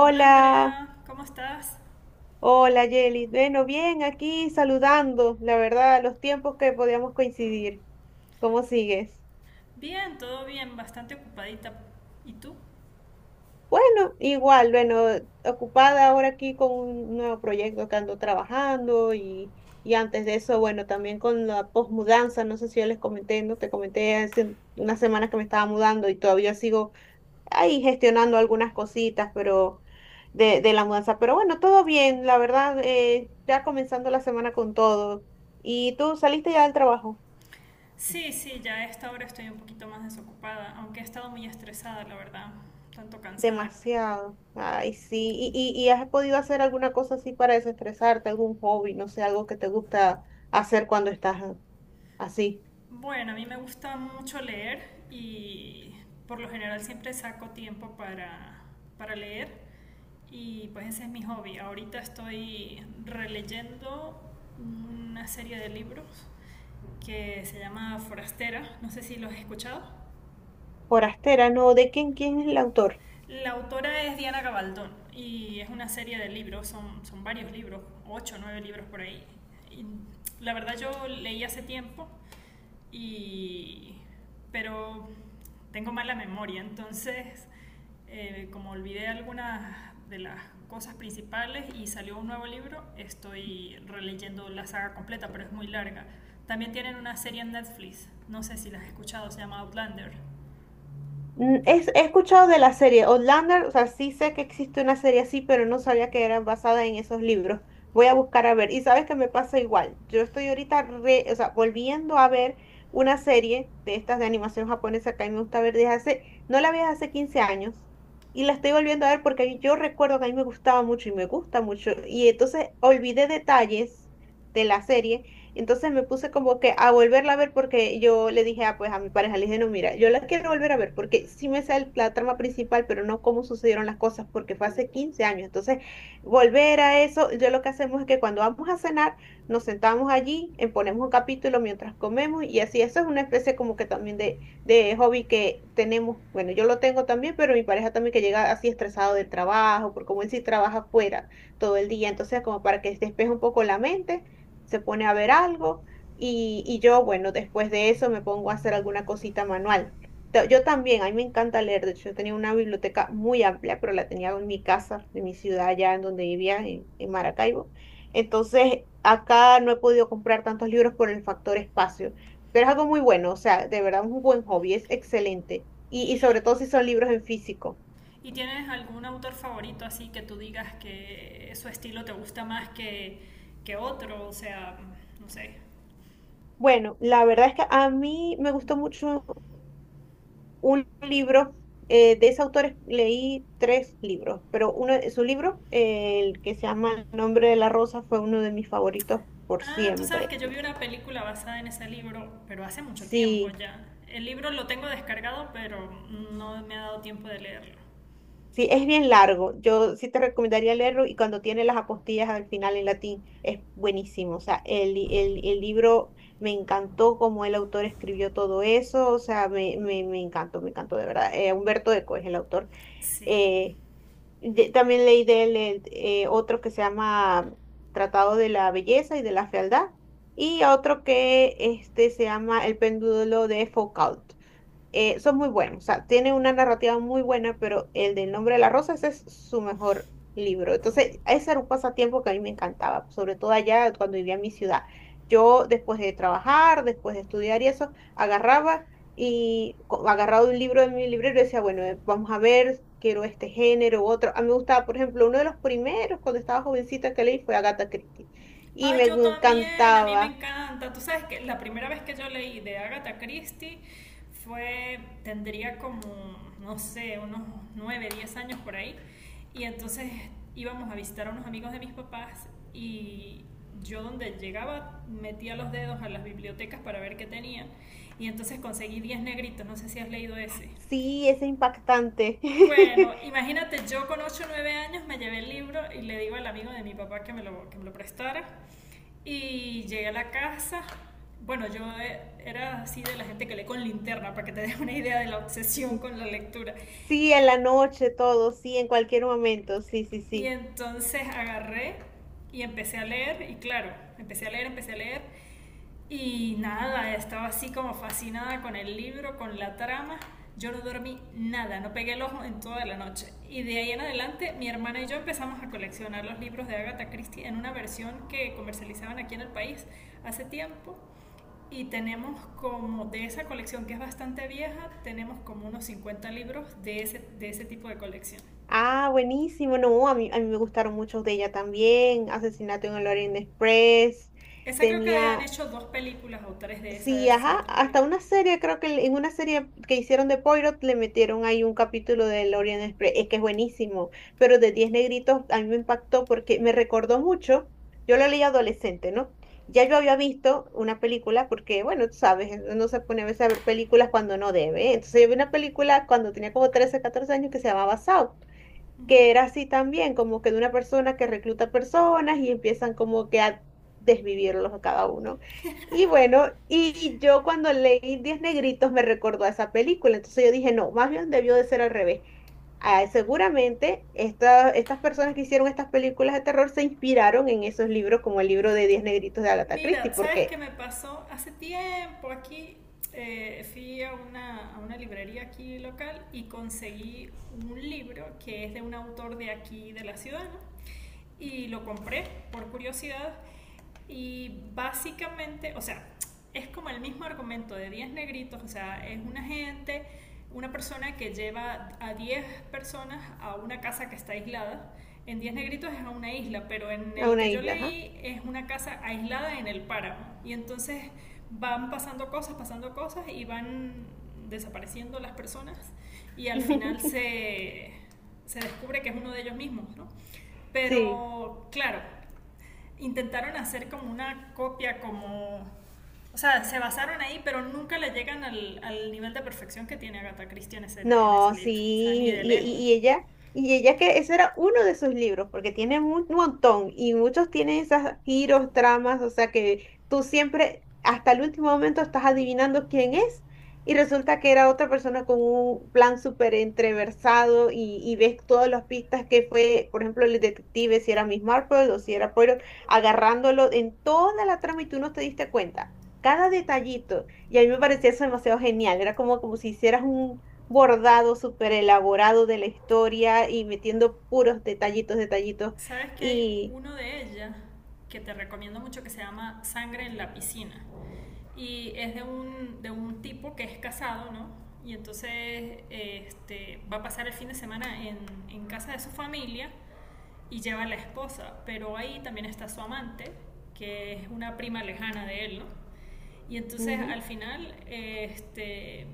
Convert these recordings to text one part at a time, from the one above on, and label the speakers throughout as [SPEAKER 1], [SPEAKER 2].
[SPEAKER 1] Hola Andrea, ¿cómo estás?
[SPEAKER 2] hola Yelis. Bueno, bien, aquí saludando, la verdad, los tiempos que podíamos coincidir. ¿Cómo sigues?
[SPEAKER 1] Bien, todo bien, bastante ocupadita. ¿Y tú?
[SPEAKER 2] Bueno, igual, bueno, ocupada ahora aquí con un nuevo proyecto que ando trabajando y antes de eso, bueno, también con la posmudanza, no sé si yo les comenté, no te comenté hace unas semanas que me estaba mudando y todavía sigo ahí gestionando algunas cositas, pero de la mudanza. Pero bueno, todo bien, la verdad, ya comenzando la semana con todo. ¿Y tú saliste ya del trabajo?
[SPEAKER 1] Sí, sí, ya a esta hora estoy un poquito más desocupada, aunque he estado muy estresada, la verdad, tanto cansada.
[SPEAKER 2] Demasiado. Ay, sí. ¿Y has podido hacer alguna cosa así para desestresarte, algún hobby, no sé, algo que te gusta hacer cuando estás así?
[SPEAKER 1] Bueno, a mí me gusta mucho leer y por lo general siempre saco tiempo para leer y pues ese es mi hobby. Ahorita estoy releyendo una serie de libros que se llama Forastera, no sé si los has escuchado.
[SPEAKER 2] Forastera, no, ¿de quién es el autor?
[SPEAKER 1] La autora es Diana Gabaldón y es una serie de libros, son varios libros, ocho o nueve libros por ahí. Y la verdad yo leí hace tiempo, y, pero tengo mala memoria, entonces como olvidé algunas de las cosas principales y salió un nuevo libro, estoy releyendo la saga completa, pero es muy larga. También tienen una serie en Netflix, no sé si las has escuchado, se llama Outlander.
[SPEAKER 2] He escuchado de la serie Outlander, o sea, sí sé que existe una serie así, pero no sabía que era basada en esos libros. Voy a buscar a ver. Y sabes que me pasa igual. Yo estoy ahorita o sea, volviendo a ver una serie de estas de animación japonesa que a mí me gusta ver desde hace, no la veía hace 15 años. Y la estoy volviendo a ver porque yo recuerdo que a mí me gustaba mucho y me gusta mucho. Y entonces olvidé detalles de la serie. Entonces me puse como que a volverla a ver porque yo le dije, ah, pues a mi pareja, le dije, no, mira, yo la quiero volver a ver porque sí me sale la trama principal, pero no cómo sucedieron las cosas porque fue hace 15 años. Entonces, volver a eso, yo lo que hacemos es que cuando vamos a cenar, nos sentamos allí, ponemos un capítulo mientras comemos y así, eso es una especie como que también de hobby que tenemos. Bueno, yo lo tengo también, pero mi pareja también que llega así estresado del trabajo, porque como él sí trabaja afuera todo el día, entonces como para que despeje un poco la mente se pone a ver algo y yo, bueno, después de eso me pongo a hacer alguna cosita manual. Yo también, a mí me encanta leer, de hecho, yo tenía una biblioteca muy amplia, pero la tenía en mi casa, en mi ciudad, allá en donde vivía, en Maracaibo. Entonces, acá no he podido comprar tantos libros por el factor espacio, pero es algo muy bueno, o sea, de verdad es un buen hobby, es excelente. Y sobre
[SPEAKER 1] Y
[SPEAKER 2] todo si son libros en físico.
[SPEAKER 1] ¿Y tienes algún autor favorito así que tú digas que su estilo te gusta más que otro? O sea, no sé.
[SPEAKER 2] Bueno, la verdad es que a mí me gustó mucho un libro de ese autor, leí tres libros, pero uno de sus libros, el que se llama El nombre de la rosa, fue uno de mis favoritos por
[SPEAKER 1] Ah, tú sabes
[SPEAKER 2] siempre.
[SPEAKER 1] que yo vi una película basada en ese libro, pero hace mucho tiempo
[SPEAKER 2] Sí,
[SPEAKER 1] ya. El libro lo tengo descargado, pero no me ha dado tiempo de leerlo.
[SPEAKER 2] sí, es bien largo. Yo sí te recomendaría leerlo y cuando tiene las apostillas al final en latín, es buenísimo. O sea, el libro me encantó cómo el autor escribió todo eso. O sea, me encantó, me encantó de verdad. Humberto Eco es el autor.
[SPEAKER 1] Sí.
[SPEAKER 2] Eh, También leí de él otro que se llama Tratado de la Belleza y de la Fealdad y otro que este, se llama El Péndulo de Foucault, son muy buenos, o sea, tiene una narrativa muy buena, pero el del nombre de la rosa, ese es su mejor libro. Entonces, ese era un pasatiempo que a mí me encantaba, sobre todo allá cuando vivía en mi ciudad. Yo, después de trabajar, después de estudiar y eso, agarraba y agarraba un libro de mi librero y decía, bueno, vamos a ver, quiero este género u otro. A mí me gustaba, por ejemplo, uno de los primeros cuando estaba jovencita que leí fue Agatha Christie y
[SPEAKER 1] Ay,
[SPEAKER 2] me
[SPEAKER 1] yo también, a mí me
[SPEAKER 2] encantaba.
[SPEAKER 1] encanta. Tú sabes que la primera vez que yo leí de Agatha Christie fue, tendría como, no sé, unos 9, 10 años por ahí. Y entonces íbamos a visitar a unos amigos de mis papás y yo donde llegaba metía los dedos a las bibliotecas para ver qué tenían. Y entonces conseguí Diez Negritos, no sé si has leído ese.
[SPEAKER 2] Sí, es impactante.
[SPEAKER 1] Bueno, imagínate, yo con ocho o 9 años me llevé el libro y le digo al amigo de mi papá que me lo prestara. Y llegué a la casa. Bueno, yo era así de la gente que lee con linterna, para que te des una idea de la obsesión con la lectura.
[SPEAKER 2] Sí, en la noche, todo, sí, en cualquier momento, sí, sí,
[SPEAKER 1] Y
[SPEAKER 2] sí.
[SPEAKER 1] entonces agarré y empecé a leer, y claro, empecé a leer, y nada, estaba así como fascinada con el libro, con la trama. Yo no dormí nada, no pegué el ojo en toda la noche. Y de ahí en adelante, mi hermana y yo empezamos a coleccionar los libros de Agatha Christie en una versión que comercializaban aquí en el país hace tiempo. Y tenemos como de esa colección que es bastante vieja, tenemos como unos 50 libros de ese tipo de colección.
[SPEAKER 2] Ah, buenísimo, no, a mí me gustaron muchos de ella también, Asesinato en el Orient Express,
[SPEAKER 1] Esa creo que han
[SPEAKER 2] tenía.
[SPEAKER 1] hecho dos películas o tres de esa de
[SPEAKER 2] Sí, ajá,
[SPEAKER 1] Asesinato en la
[SPEAKER 2] hasta
[SPEAKER 1] Orilla.
[SPEAKER 2] una serie, creo que en una serie que hicieron de Poirot le metieron ahí un capítulo del Orient Express, es que es buenísimo, pero de Diez Negritos a mí me impactó porque me recordó mucho, yo lo leí adolescente, ¿no? Ya yo había visto una película porque, bueno, tú sabes, no se pone a veces a ver películas cuando no debe, ¿eh? Entonces yo vi una película cuando tenía como 13, 14 años que se llamaba Saw, que era así también, como que de una persona que recluta personas y empiezan como que a desvivirlos a cada uno. Y bueno, y yo cuando leí Diez Negritos me recordó a esa película, entonces yo dije, no, más bien debió de ser al revés. Ah, seguramente estas personas que hicieron estas películas de terror se inspiraron en esos libros como el libro de Diez Negritos de Agatha Christie,
[SPEAKER 1] Mira, ¿sabes qué
[SPEAKER 2] porque
[SPEAKER 1] me pasó? Hace tiempo aquí fui a una librería aquí local y conseguí un libro que es de un autor de aquí, de la ciudad, ¿no? Y lo compré por curiosidad y básicamente, o sea, es como el mismo argumento de Diez Negritos, o sea, es una gente, una persona que lleva a 10 personas a una casa que está aislada. En Diez Negritos es a una isla, pero en
[SPEAKER 2] a
[SPEAKER 1] el
[SPEAKER 2] una
[SPEAKER 1] que yo
[SPEAKER 2] isla, ajá.
[SPEAKER 1] leí es una casa aislada en el páramo. Y entonces van pasando cosas y van desapareciendo las personas y al final se descubre que es uno de ellos mismos, ¿no?
[SPEAKER 2] Sí.
[SPEAKER 1] Pero claro, intentaron hacer como una copia, como. O sea, se basaron ahí, pero nunca le llegan al nivel de perfección que tiene Agatha Christie en ese
[SPEAKER 2] No, sí,
[SPEAKER 1] libro. O sea, ni de
[SPEAKER 2] y,
[SPEAKER 1] lejos.
[SPEAKER 2] y- y ella, y ella que ese era uno de sus libros, porque tiene un montón, y muchos tienen esas giros, tramas, o sea que tú siempre, hasta el último momento, estás adivinando quién es, y resulta que era otra persona con un plan súper entreversado, y ves todas las pistas que fue, por ejemplo, el detective, si era Miss Marple o si era Poirot, agarrándolo en toda la trama y tú no te diste cuenta. Cada detallito, y a mí me parecía eso demasiado genial, era como si hicieras un bordado súper elaborado de la historia y metiendo puros detallitos, detallitos.
[SPEAKER 1] ¿Sabes que hay
[SPEAKER 2] Y
[SPEAKER 1] uno de ella que te recomiendo mucho que se llama Sangre en la Piscina? Y es de un tipo que es casado, ¿no? Y entonces este, va a pasar el fin de semana en casa de su familia y lleva a la esposa, pero ahí también está su amante, que es una prima lejana de él, ¿no? Y entonces
[SPEAKER 2] ujú.
[SPEAKER 1] al final este,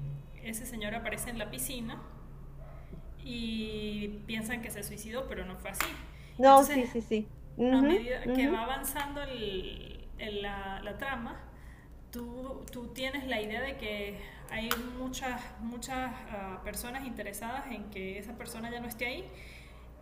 [SPEAKER 1] ese señor aparece en la piscina y piensan que se suicidó, pero no fue así.
[SPEAKER 2] No,
[SPEAKER 1] Entonces,
[SPEAKER 2] sí, sí, sí.
[SPEAKER 1] a
[SPEAKER 2] Ujú,
[SPEAKER 1] medida que va
[SPEAKER 2] ujú.
[SPEAKER 1] avanzando la trama, tú tienes la idea de que hay muchas personas interesadas en que esa persona ya no esté ahí.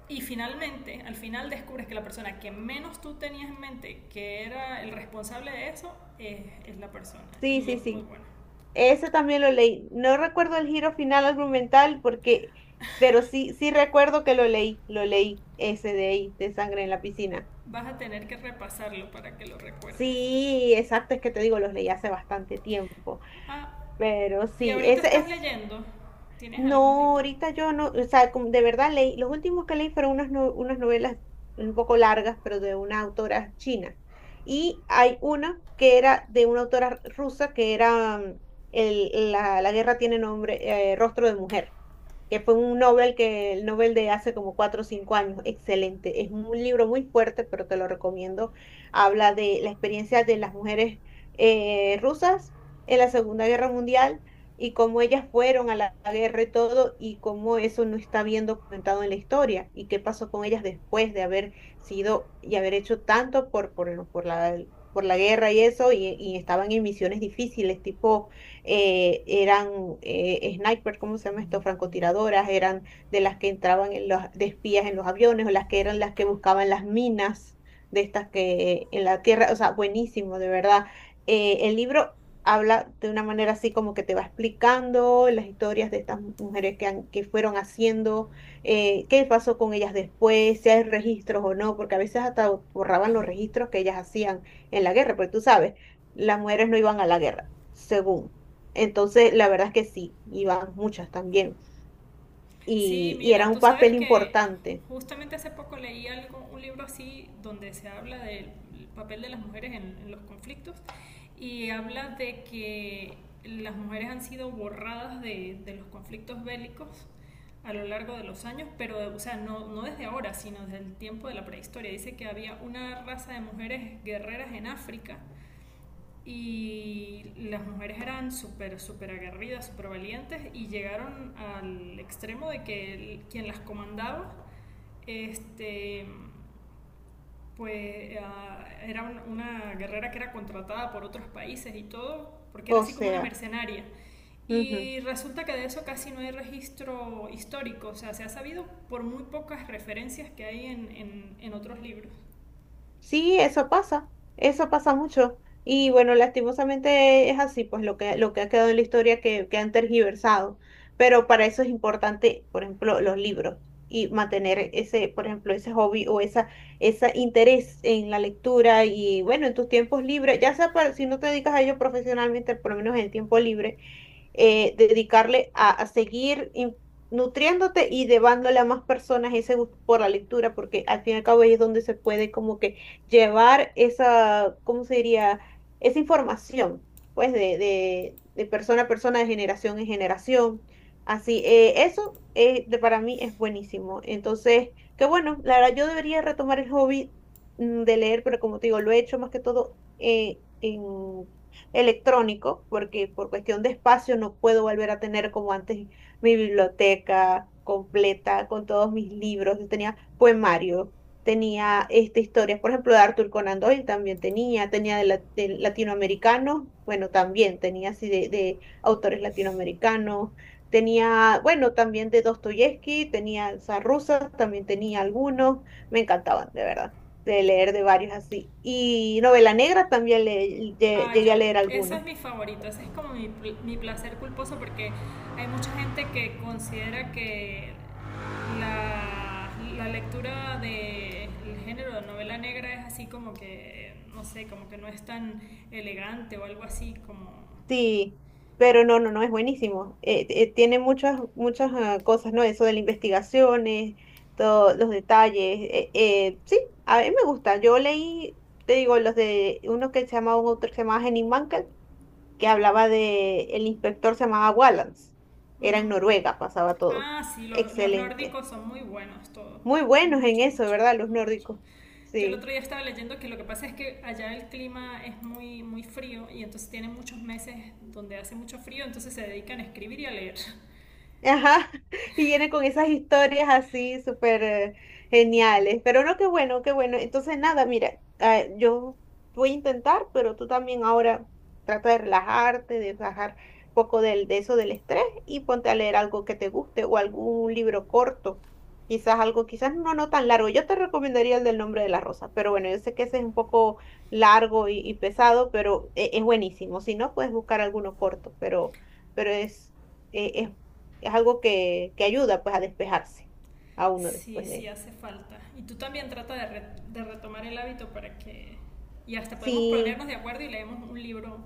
[SPEAKER 1] Y finalmente, al final descubres que la persona que menos tú tenías en mente que era el responsable de eso, es la persona.
[SPEAKER 2] Sí,
[SPEAKER 1] Y
[SPEAKER 2] sí,
[SPEAKER 1] es muy
[SPEAKER 2] sí.
[SPEAKER 1] buena.
[SPEAKER 2] Ese también lo leí. No recuerdo el giro final argumental porque, pero sí, sí recuerdo que lo leí, ese de ahí, de sangre en la piscina.
[SPEAKER 1] Vas a tener que repasarlo para que lo recuerdes.
[SPEAKER 2] Sí, exacto, es que te digo, los leí hace bastante tiempo.
[SPEAKER 1] Ah,
[SPEAKER 2] Pero
[SPEAKER 1] y
[SPEAKER 2] sí,
[SPEAKER 1] ahorita
[SPEAKER 2] ese
[SPEAKER 1] estás
[SPEAKER 2] es.
[SPEAKER 1] leyendo. ¿Tienes algún
[SPEAKER 2] No,
[SPEAKER 1] libro?
[SPEAKER 2] ahorita yo no, o sea, como de verdad leí, los últimos que leí fueron unas, no- unas novelas un poco largas, pero de una autora china. Y hay una que era de una autora rusa, que era la guerra tiene nombre, Rostro de Mujer, que fue un Nobel que, el Nobel de hace como 4 o 5 años, excelente. Es un libro muy fuerte, pero te lo recomiendo. Habla de la experiencia de las mujeres rusas en la Segunda Guerra Mundial y cómo ellas fueron a la guerra y todo, y cómo eso no está bien documentado en la historia, y qué pasó con ellas después de haber sido y haber hecho tanto por la guerra y eso, y estaban en misiones difíciles, tipo, eran sniper, ¿cómo se llama esto? Francotiradoras, eran de las que entraban en los, de espías en los aviones, o las que eran las que buscaban las minas de estas que en la tierra, o sea, buenísimo, de verdad. El libro habla de una manera así como que te va explicando las historias de estas mujeres que fueron haciendo, qué pasó con ellas después, si hay registros o no, porque a veces hasta borraban los registros que ellas hacían en la guerra, porque tú sabes, las mujeres no iban a la guerra, según. Entonces, la verdad es que sí, iban muchas también,
[SPEAKER 1] Sí,
[SPEAKER 2] y era
[SPEAKER 1] mira,
[SPEAKER 2] un
[SPEAKER 1] tú sabes
[SPEAKER 2] papel
[SPEAKER 1] que
[SPEAKER 2] importante,
[SPEAKER 1] justamente hace poco leí algo, un libro así donde se habla del papel de las mujeres en los conflictos y habla de que las mujeres han sido borradas de los conflictos bélicos a lo largo de los años, pero o sea, no, no desde ahora, sino desde el tiempo de la prehistoria. Dice que había una raza de mujeres guerreras en África y las mujeres eran súper, súper aguerridas, súper valientes y llegaron al extremo de que quien las comandaba, este, pues era una guerrera que era contratada por otros países y todo, porque era
[SPEAKER 2] o
[SPEAKER 1] así como una
[SPEAKER 2] sea,
[SPEAKER 1] mercenaria.
[SPEAKER 2] ujú.
[SPEAKER 1] Y resulta que de eso casi no hay registro histórico, o sea, se ha sabido por muy pocas referencias que hay en otros libros.
[SPEAKER 2] Sí, eso pasa mucho. Y bueno, lastimosamente es así, pues lo que, ha quedado en la historia que han tergiversado. Pero para eso es importante, por ejemplo, los libros y mantener ese, por ejemplo, ese hobby o esa, ese interés en la lectura y bueno, en tus tiempos libres, ya sea si no te dedicas a ello profesionalmente, por lo menos en el tiempo libre dedicarle a seguir nutriéndote y llevándole a más personas ese gusto por la lectura, porque al fin y al cabo ahí es donde se puede como que llevar esa, ¿cómo se diría? Esa información, pues, de persona a persona, de generación en generación. Así, para mí es buenísimo. Entonces, que bueno, la verdad yo debería retomar el hobby de leer, pero como te digo, lo he hecho más que todo en electrónico, porque por cuestión de espacio no puedo volver a tener como antes mi biblioteca completa con todos mis libros. Yo tenía poemarios, tenía este, historias, por ejemplo, de Arthur Conan Doyle también tenía de latinoamericanos, bueno, también tenía así de autores latinoamericanos. Tenía, bueno, también de Dostoyevsky, tenía rusa, también tenía algunos, me encantaban, de verdad de leer de varios así. Y novela negra también
[SPEAKER 1] Ah,
[SPEAKER 2] llegué a leer
[SPEAKER 1] eso
[SPEAKER 2] alguna.
[SPEAKER 1] es mi favorito, ese es como mi placer culposo porque hay mucha gente que considera que la, la lectura del género de novela negra es así como que, no sé, como que no es tan elegante o algo así como.
[SPEAKER 2] Sí, pero no, no, no, es buenísimo. Tiene muchas, muchas cosas, ¿no? Eso de las investigaciones, todos los detalles. Sí, a mí me gusta. Yo leí, te digo, los de uno que se llamaba, un autor que se llamaba Henning Mankell, que hablaba de, el inspector se llamaba Wallace. Era en
[SPEAKER 1] Ujú.
[SPEAKER 2] Noruega, pasaba todo.
[SPEAKER 1] Ah, sí, los
[SPEAKER 2] Excelente.
[SPEAKER 1] nórdicos son muy buenos todos.
[SPEAKER 2] Muy buenos en
[SPEAKER 1] Mucho,
[SPEAKER 2] eso,
[SPEAKER 1] mucho,
[SPEAKER 2] ¿verdad? Los
[SPEAKER 1] mucho.
[SPEAKER 2] nórdicos.
[SPEAKER 1] Yo el otro
[SPEAKER 2] Sí.
[SPEAKER 1] día estaba leyendo que lo que pasa es que allá el clima es muy, muy frío y entonces tienen muchos meses donde hace mucho frío, entonces se dedican a escribir y a leer.
[SPEAKER 2] Ajá, y viene con esas historias así súper geniales. Pero no, qué bueno, qué bueno. Entonces, nada, mira, ah, yo voy a intentar, pero tú también ahora trata de relajarte, de bajar un poco de eso del estrés y ponte a leer algo que te guste o algún libro corto. Quizás algo, quizás no, no tan largo. Yo te recomendaría el del nombre de la rosa, pero bueno, yo sé que ese es un poco largo y pesado, pero es buenísimo. Si no, puedes buscar alguno corto, pero es, e- es es algo que ayuda pues a despejarse a uno
[SPEAKER 1] Sí,
[SPEAKER 2] después
[SPEAKER 1] sí
[SPEAKER 2] de...
[SPEAKER 1] hace falta. Y tú también trata de retomar el hábito para que. Y hasta podemos
[SPEAKER 2] Sí,
[SPEAKER 1] ponernos de acuerdo y leemos un libro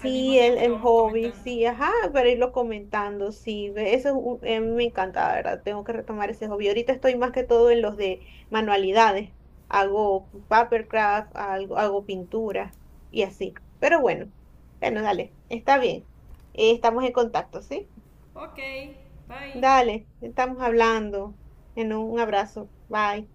[SPEAKER 1] al mismo
[SPEAKER 2] el,
[SPEAKER 1] tiempo y lo
[SPEAKER 2] el
[SPEAKER 1] vamos
[SPEAKER 2] hobby,
[SPEAKER 1] comentando.
[SPEAKER 2] sí, ajá, para irlo comentando, sí, ve, eso es un- me encanta, la ¿verdad? Tengo que retomar ese hobby. Ahorita estoy más que todo en los de manualidades, hago papercraft, algo, hago pintura y así. Pero bueno, bueno, dale, está bien. Estamos en contacto, ¿sí?
[SPEAKER 1] Ok, bye.
[SPEAKER 2] Dale, estamos hablando. En un abrazo. Bye.